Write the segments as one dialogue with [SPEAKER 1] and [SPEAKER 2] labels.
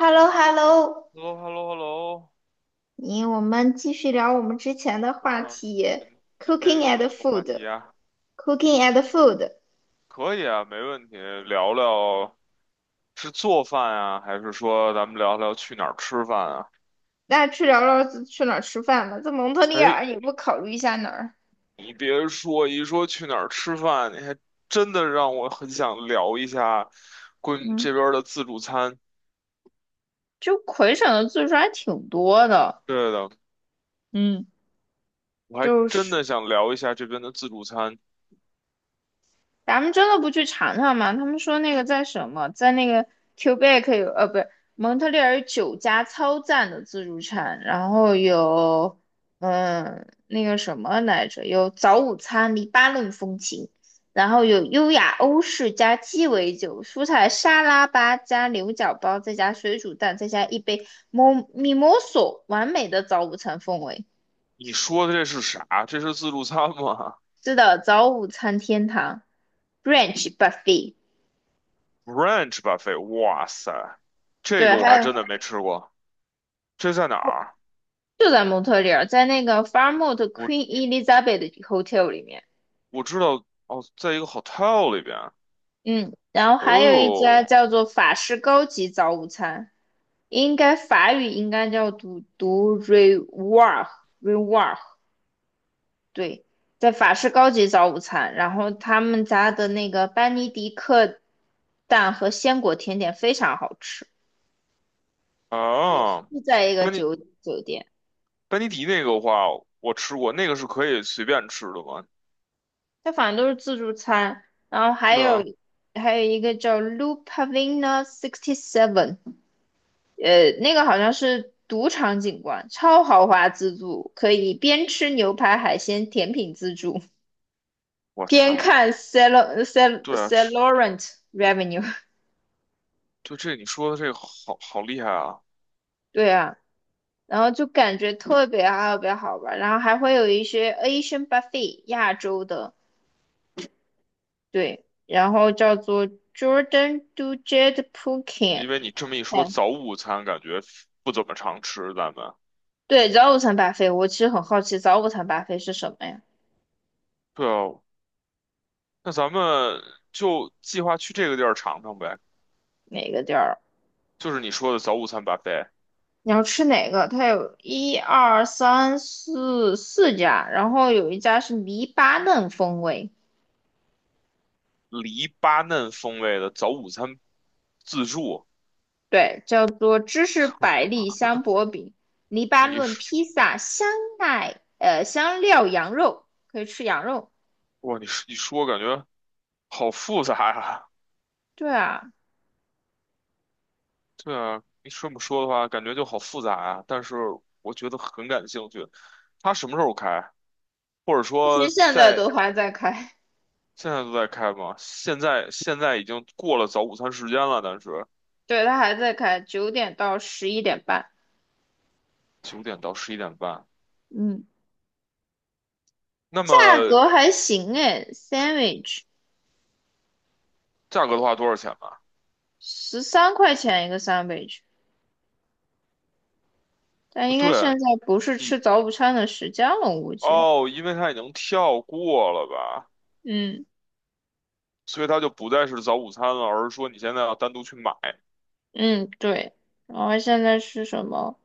[SPEAKER 1] h e l l o h e l l o
[SPEAKER 2] Hello Hello Hello。
[SPEAKER 1] 你我们继续聊我们之前的
[SPEAKER 2] 然
[SPEAKER 1] 话
[SPEAKER 2] 后
[SPEAKER 1] 题
[SPEAKER 2] 今今
[SPEAKER 1] ，cooking
[SPEAKER 2] 天又是
[SPEAKER 1] and
[SPEAKER 2] 什么话
[SPEAKER 1] food，cooking
[SPEAKER 2] 题啊？OK，
[SPEAKER 1] and food。
[SPEAKER 2] 可以啊，没问题。聊聊是做饭啊，还是说咱们聊聊去哪儿吃饭啊？
[SPEAKER 1] 那去聊聊去哪儿吃饭吧？在蒙特利
[SPEAKER 2] 哎，
[SPEAKER 1] 尔，你不考虑一下哪儿？
[SPEAKER 2] 你别说，一说去哪儿吃饭，你还真的让我很想聊一下关于
[SPEAKER 1] 嗯，
[SPEAKER 2] 这边儿的自助餐。
[SPEAKER 1] 就魁省的自助还挺多的，
[SPEAKER 2] 对的，
[SPEAKER 1] 嗯，
[SPEAKER 2] 我还
[SPEAKER 1] 就
[SPEAKER 2] 真
[SPEAKER 1] 是。
[SPEAKER 2] 的想聊一下这边的自助餐。
[SPEAKER 1] 咱们真的不去尝尝吗？他们说那个在什么，在那个 Quebec 有，不是蒙特利尔有九家超赞的自助餐，然后有，嗯，那个什么来着，有早午餐黎巴嫩风情，然后有优雅欧式加鸡尾酒、蔬菜沙拉吧加牛角包，再加水煮蛋，再加一杯 mimoso，完美的早午餐氛围。
[SPEAKER 2] 你说的这是啥？这是自助餐吗
[SPEAKER 1] 是的，早午餐天堂，brunch buffet。
[SPEAKER 2] ？Brunch buffet，哇塞，这
[SPEAKER 1] 对，
[SPEAKER 2] 个我
[SPEAKER 1] 还
[SPEAKER 2] 还
[SPEAKER 1] 有
[SPEAKER 2] 真的没吃过。这在哪儿？
[SPEAKER 1] 就在蒙特利尔，在那个 Fairmont Queen
[SPEAKER 2] 我
[SPEAKER 1] Elizabeth Hotel 里面，
[SPEAKER 2] 我知道哦，在一个 hotel 里边。
[SPEAKER 1] 嗯，然后还有一家
[SPEAKER 2] 哦
[SPEAKER 1] 叫做法式高级早午餐，应该法语应该叫读读 r e w a r 对，在法式高级早午餐，然后他们家的那个班尼迪克蛋和鲜果甜点非常好吃，也是
[SPEAKER 2] 啊，
[SPEAKER 1] 在一个
[SPEAKER 2] 班尼
[SPEAKER 1] 酒店，
[SPEAKER 2] 班尼迪那个的话，我吃过，那个是可以随便吃的吗？
[SPEAKER 1] 它反正都是自助餐，然后还
[SPEAKER 2] 对
[SPEAKER 1] 有
[SPEAKER 2] 啊，
[SPEAKER 1] 还有一个叫 Lu Pavina 67，那个好像是赌场景观，超豪华自助，可以边吃牛排、海鲜、甜品自助，
[SPEAKER 2] 我
[SPEAKER 1] 边
[SPEAKER 2] 擦，
[SPEAKER 1] 看 Sal Sal
[SPEAKER 2] 对啊，这
[SPEAKER 1] Salorent Revenue。
[SPEAKER 2] 就这你说的这个好厉害啊！
[SPEAKER 1] 对啊，然后就感觉特别好玩，然后还会有一些 Asian buffet 亚洲的，对，然后叫做 Jordan Dujardin Phuket。
[SPEAKER 2] 因为你这么一说，早午餐感觉不怎么常吃，咱们。
[SPEAKER 1] 对，早午餐 b u 我其实很好奇早午餐 b u 是什么呀？
[SPEAKER 2] 对啊，那咱们就计划去这个地儿尝尝呗，
[SPEAKER 1] 哪个地儿？
[SPEAKER 2] 就是你说的早午餐 buffet，
[SPEAKER 1] 你要吃哪个？它有一二三四四家，然后有一家是黎巴嫩风味，
[SPEAKER 2] 黎巴嫩风味的早午餐自助。
[SPEAKER 1] 对，叫做芝士百利香薄饼，黎巴
[SPEAKER 2] 你
[SPEAKER 1] 嫩 披萨香奈香料羊肉，可以吃羊肉。
[SPEAKER 2] 哇，你说一说，感觉好复杂呀。
[SPEAKER 1] 对啊，
[SPEAKER 2] 对啊，你这么说的话，感觉就好复杂啊。但是我觉得很感兴趣。它什么时候开？或者
[SPEAKER 1] 其实
[SPEAKER 2] 说
[SPEAKER 1] 现在
[SPEAKER 2] 在
[SPEAKER 1] 都还在开，
[SPEAKER 2] 现在都在开吗？现在已经过了早午餐时间了，但是
[SPEAKER 1] 对，它还在开，9点到11点半。
[SPEAKER 2] 9点到11点半。
[SPEAKER 1] 嗯，
[SPEAKER 2] 那
[SPEAKER 1] 价
[SPEAKER 2] 么
[SPEAKER 1] 格还行诶 s a n d w i c h
[SPEAKER 2] 价格的话，多少钱吧？
[SPEAKER 1] 13块钱一个三杯 n 但应该现
[SPEAKER 2] 对，
[SPEAKER 1] 在不是
[SPEAKER 2] 你
[SPEAKER 1] 吃早午餐的时间了，我估计。
[SPEAKER 2] 哦，因为它已经跳过了吧，
[SPEAKER 1] 嗯
[SPEAKER 2] 所以它就不再是早午餐了，而是说你现在要单独去买
[SPEAKER 1] 嗯，对。然后现在是什么？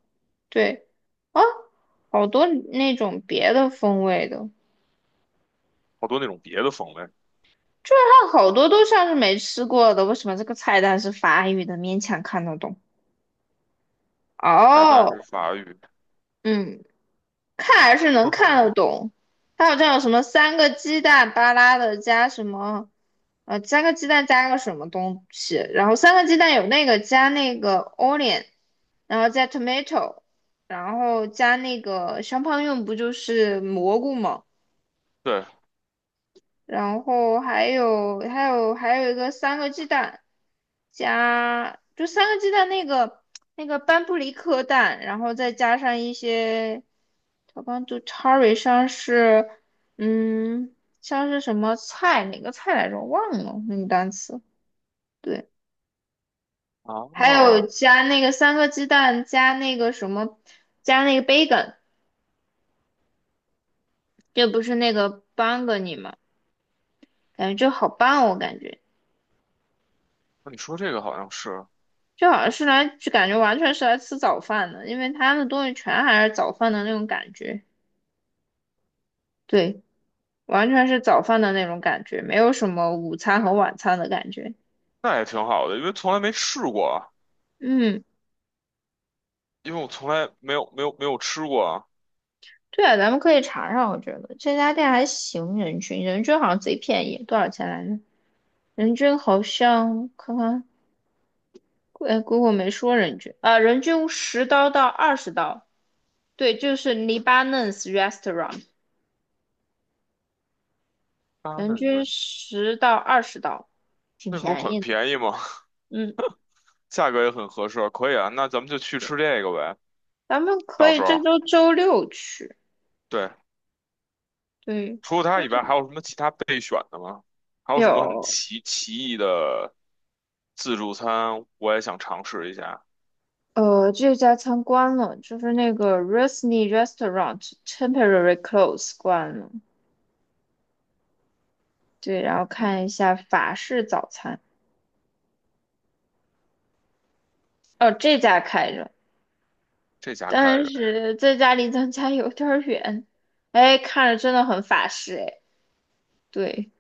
[SPEAKER 1] 对啊，好多那种别的风味的，
[SPEAKER 2] 好多那种别的风味
[SPEAKER 1] 就是它好多都像是没吃过的。为什么这个菜单是法语的，勉强看得懂？
[SPEAKER 2] 菜单
[SPEAKER 1] 哦，
[SPEAKER 2] 是法语。
[SPEAKER 1] 嗯。看还是能 看得懂。它好像有什么三个鸡蛋巴拉的加什么，三个鸡蛋加个什么东西，然后三个鸡蛋有那个加那个 onion，然后加 tomato，然后加那个香胖用不就是蘑菇吗？
[SPEAKER 2] 对
[SPEAKER 1] 然后还有一个三个鸡蛋三个鸡蛋那个班布里克蛋，然后再加上一些小帮就 t a r r y 像是，嗯，像是什么菜，哪个菜来着？我忘了那个单词。对，还
[SPEAKER 2] 啊，
[SPEAKER 1] 有加那个三个鸡蛋，加那个什么，加那个 bacon，这不是那个 b a n g n y 吗？感觉就好棒哦我感觉
[SPEAKER 2] 那你说这个好像是，
[SPEAKER 1] 就好像是来，就感觉完全是来吃早饭的，因为他们的东西全还是早饭的那种感觉。对，完全是早饭的那种感觉，没有什么午餐和晚餐的感觉。
[SPEAKER 2] 那也挺好的，因为从来没试过啊，
[SPEAKER 1] 嗯。
[SPEAKER 2] 因为我从来没有吃过啊。
[SPEAKER 1] 对啊，咱们可以查查，我觉得这家店还行，人均好像贼便宜，多少钱来着？人均好像看看，哎姑姑没说人均啊，人均10刀到20刀，对，就是 Lebanese restaurant，
[SPEAKER 2] 啊，
[SPEAKER 1] 人
[SPEAKER 2] 那你说
[SPEAKER 1] 均10到20刀，挺
[SPEAKER 2] 那不是
[SPEAKER 1] 便
[SPEAKER 2] 很
[SPEAKER 1] 宜的。
[SPEAKER 2] 便宜吗？
[SPEAKER 1] 嗯，
[SPEAKER 2] 价格也很合适，可以啊。那咱们就去吃这个呗，
[SPEAKER 1] 咱们可
[SPEAKER 2] 到
[SPEAKER 1] 以
[SPEAKER 2] 时
[SPEAKER 1] 这
[SPEAKER 2] 候
[SPEAKER 1] 周周六去。
[SPEAKER 2] 对。
[SPEAKER 1] 对，
[SPEAKER 2] 除了它以外，还有什么其他备选的吗？还有什么很
[SPEAKER 1] 有，
[SPEAKER 2] 奇异的自助餐？我也想尝试一下。
[SPEAKER 1] 这家餐关了，就是那个 r u s n y Restaurant temporary close 关了。对，然后看一下法式早餐，哦，这家开着，
[SPEAKER 2] 这家开
[SPEAKER 1] 但
[SPEAKER 2] 着，
[SPEAKER 1] 是这家离咱家有点儿远，哎，看着真的很法式，哎，对，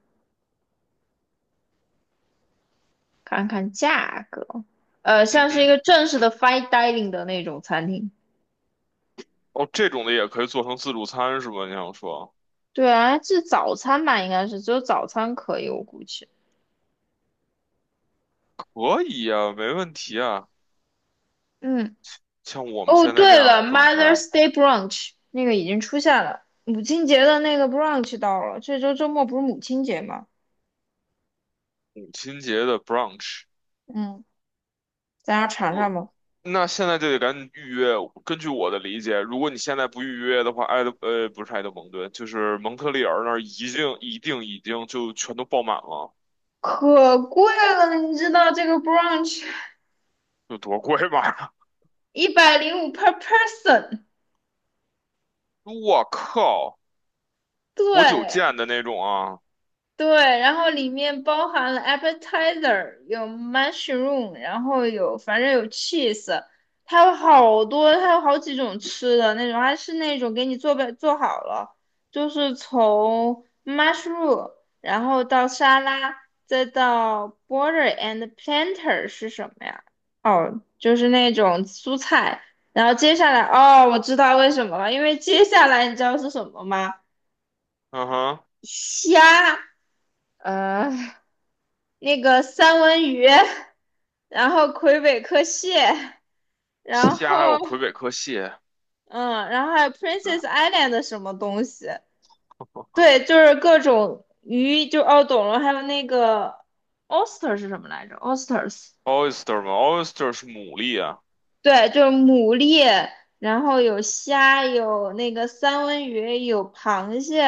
[SPEAKER 1] 看看价格，
[SPEAKER 2] 嗯
[SPEAKER 1] 像是一
[SPEAKER 2] 哼，
[SPEAKER 1] 个正式的 fine dining 的那种餐厅，
[SPEAKER 2] 哦，这种的也可以做成自助餐是吧？你想说？
[SPEAKER 1] 对啊，是早餐吧，应该是只有早餐可以，我估计，
[SPEAKER 2] 可以呀，没问题啊。
[SPEAKER 1] 嗯，
[SPEAKER 2] 像我们
[SPEAKER 1] 哦，
[SPEAKER 2] 现在这
[SPEAKER 1] 对
[SPEAKER 2] 样
[SPEAKER 1] 了
[SPEAKER 2] 的状态，
[SPEAKER 1] ，Mother's Day brunch 那个已经出现了，母亲节的那个 brunch 到了，这周周末不是母亲节吗？
[SPEAKER 2] 母亲节的 brunch，
[SPEAKER 1] 嗯，咱俩尝尝吧。
[SPEAKER 2] 那现在就得赶紧预约。根据我的理解，如果你现在不预约的话，不是埃德蒙顿，就是蒙特利尔那儿已经一定已经就全都爆满了，
[SPEAKER 1] 可贵了，你知道这个 brunch
[SPEAKER 2] 有多贵吧？
[SPEAKER 1] 一百零五 per person，
[SPEAKER 2] 我靠，活久
[SPEAKER 1] 对，
[SPEAKER 2] 见的那种啊，
[SPEAKER 1] 对，然后里面包含了 appetizer，有 mushroom，然后有反正有 cheese，它有好多，它有好几种吃的那种，还是那种给你做好了，就是从 mushroom，然后到沙拉，再到 b o r d e r and planter 是什么呀？哦，就是那种蔬菜，然后接下来，哦，我知道为什么了，因为接下来你知道是什么吗？
[SPEAKER 2] 嗯哼，
[SPEAKER 1] 虾。呃那个三文鱼，然后魁北克蟹，然
[SPEAKER 2] 虾还
[SPEAKER 1] 后
[SPEAKER 2] 有魁北克蟹，
[SPEAKER 1] 嗯，然后还有
[SPEAKER 2] 对
[SPEAKER 1] Princess Island 的什么东西，对，就是各种鱼，就哦懂了，还有那个 oyster 是什么来着？oysters
[SPEAKER 2] ，oyster 嘛，oyster 是牡蛎啊，
[SPEAKER 1] 对，就是牡蛎，然后有虾，有那个三文鱼，有螃蟹，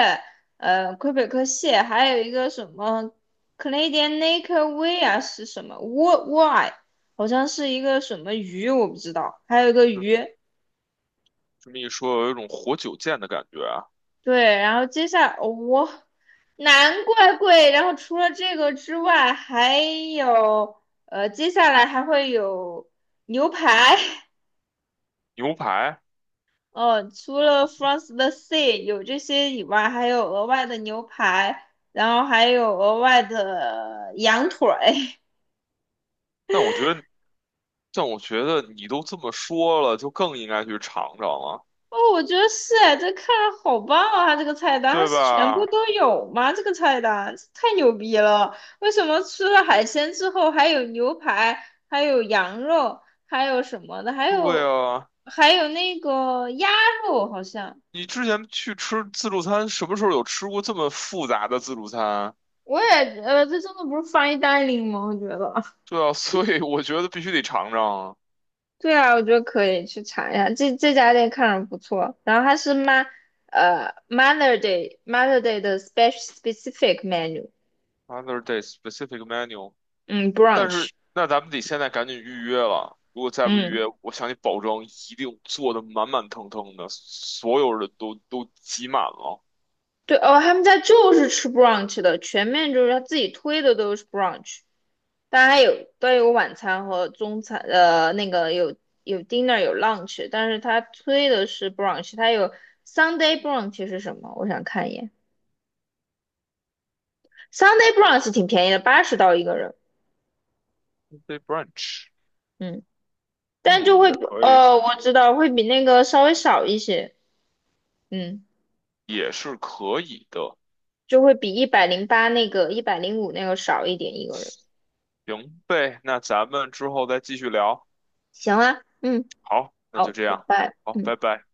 [SPEAKER 1] 魁北克蟹，还有一个什么 Canadian Naked Whale 啊是什么 w w y 好像是一个什么鱼，我不知道，还有一个
[SPEAKER 2] 就
[SPEAKER 1] 鱼。
[SPEAKER 2] 这么一说，有一种活久见的感觉啊，
[SPEAKER 1] 对，然后接下来我、难怪贵。然后除了这个之外，还有接下来还会有牛排。
[SPEAKER 2] 牛排。
[SPEAKER 1] 哦，除了 f r o n the Sea 有这些以外，还有额外的牛排，然后还有额外的羊腿。
[SPEAKER 2] 但我觉得但我觉得你都这么说了，就更应该去尝尝了，
[SPEAKER 1] 哦，我觉得是哎，这看着好棒啊！它这个菜单，它
[SPEAKER 2] 对
[SPEAKER 1] 是全部
[SPEAKER 2] 吧？
[SPEAKER 1] 都有吗？这个菜单太牛逼了！为什么吃了海鲜之后还有牛排，还有羊肉，还有什么的，还
[SPEAKER 2] 对
[SPEAKER 1] 有
[SPEAKER 2] 啊，
[SPEAKER 1] 还有那个鸭肉，好像
[SPEAKER 2] 你之前去吃自助餐，什么时候有吃过这么复杂的自助餐？
[SPEAKER 1] 我也这真的不是 fine dining 吗？我觉得。
[SPEAKER 2] 对啊，所以我觉得必须得尝尝啊。
[SPEAKER 1] 对啊，我觉得可以去查一下，这家店看着不错。然后它是妈，Mother Day 的 specific menu，
[SPEAKER 2] Other day specific menu，
[SPEAKER 1] 嗯
[SPEAKER 2] 但
[SPEAKER 1] ，brunch，
[SPEAKER 2] 是那咱们得现在赶紧预约了。如果再不预
[SPEAKER 1] 嗯，
[SPEAKER 2] 约，我向你保证，一定做的满满腾腾的，所有人都挤满了。
[SPEAKER 1] 对哦，他们家就是吃 brunch 的，全面就是他自己推的都是 brunch，但还有都有晚餐和中餐，那个有 dinner 有 lunch，但是他推的是 brunch，他有 Sunday brunch 是什么？我想看一眼，Sunday brunch 挺便宜的，80刀一个人。
[SPEAKER 2] Day brunch，
[SPEAKER 1] 嗯。但就
[SPEAKER 2] 嗯，
[SPEAKER 1] 会
[SPEAKER 2] 也
[SPEAKER 1] 比
[SPEAKER 2] 可以，
[SPEAKER 1] 我知道会比那个稍微少一些，嗯，
[SPEAKER 2] 也是可以的。
[SPEAKER 1] 就会比108那个一百零五那个少一点一个人。
[SPEAKER 2] 行呗，那咱们之后再继续聊。
[SPEAKER 1] 行啊，嗯，
[SPEAKER 2] 好，那就
[SPEAKER 1] 好，
[SPEAKER 2] 这
[SPEAKER 1] 拜
[SPEAKER 2] 样，
[SPEAKER 1] 拜。
[SPEAKER 2] 好，
[SPEAKER 1] 嗯。
[SPEAKER 2] 拜拜。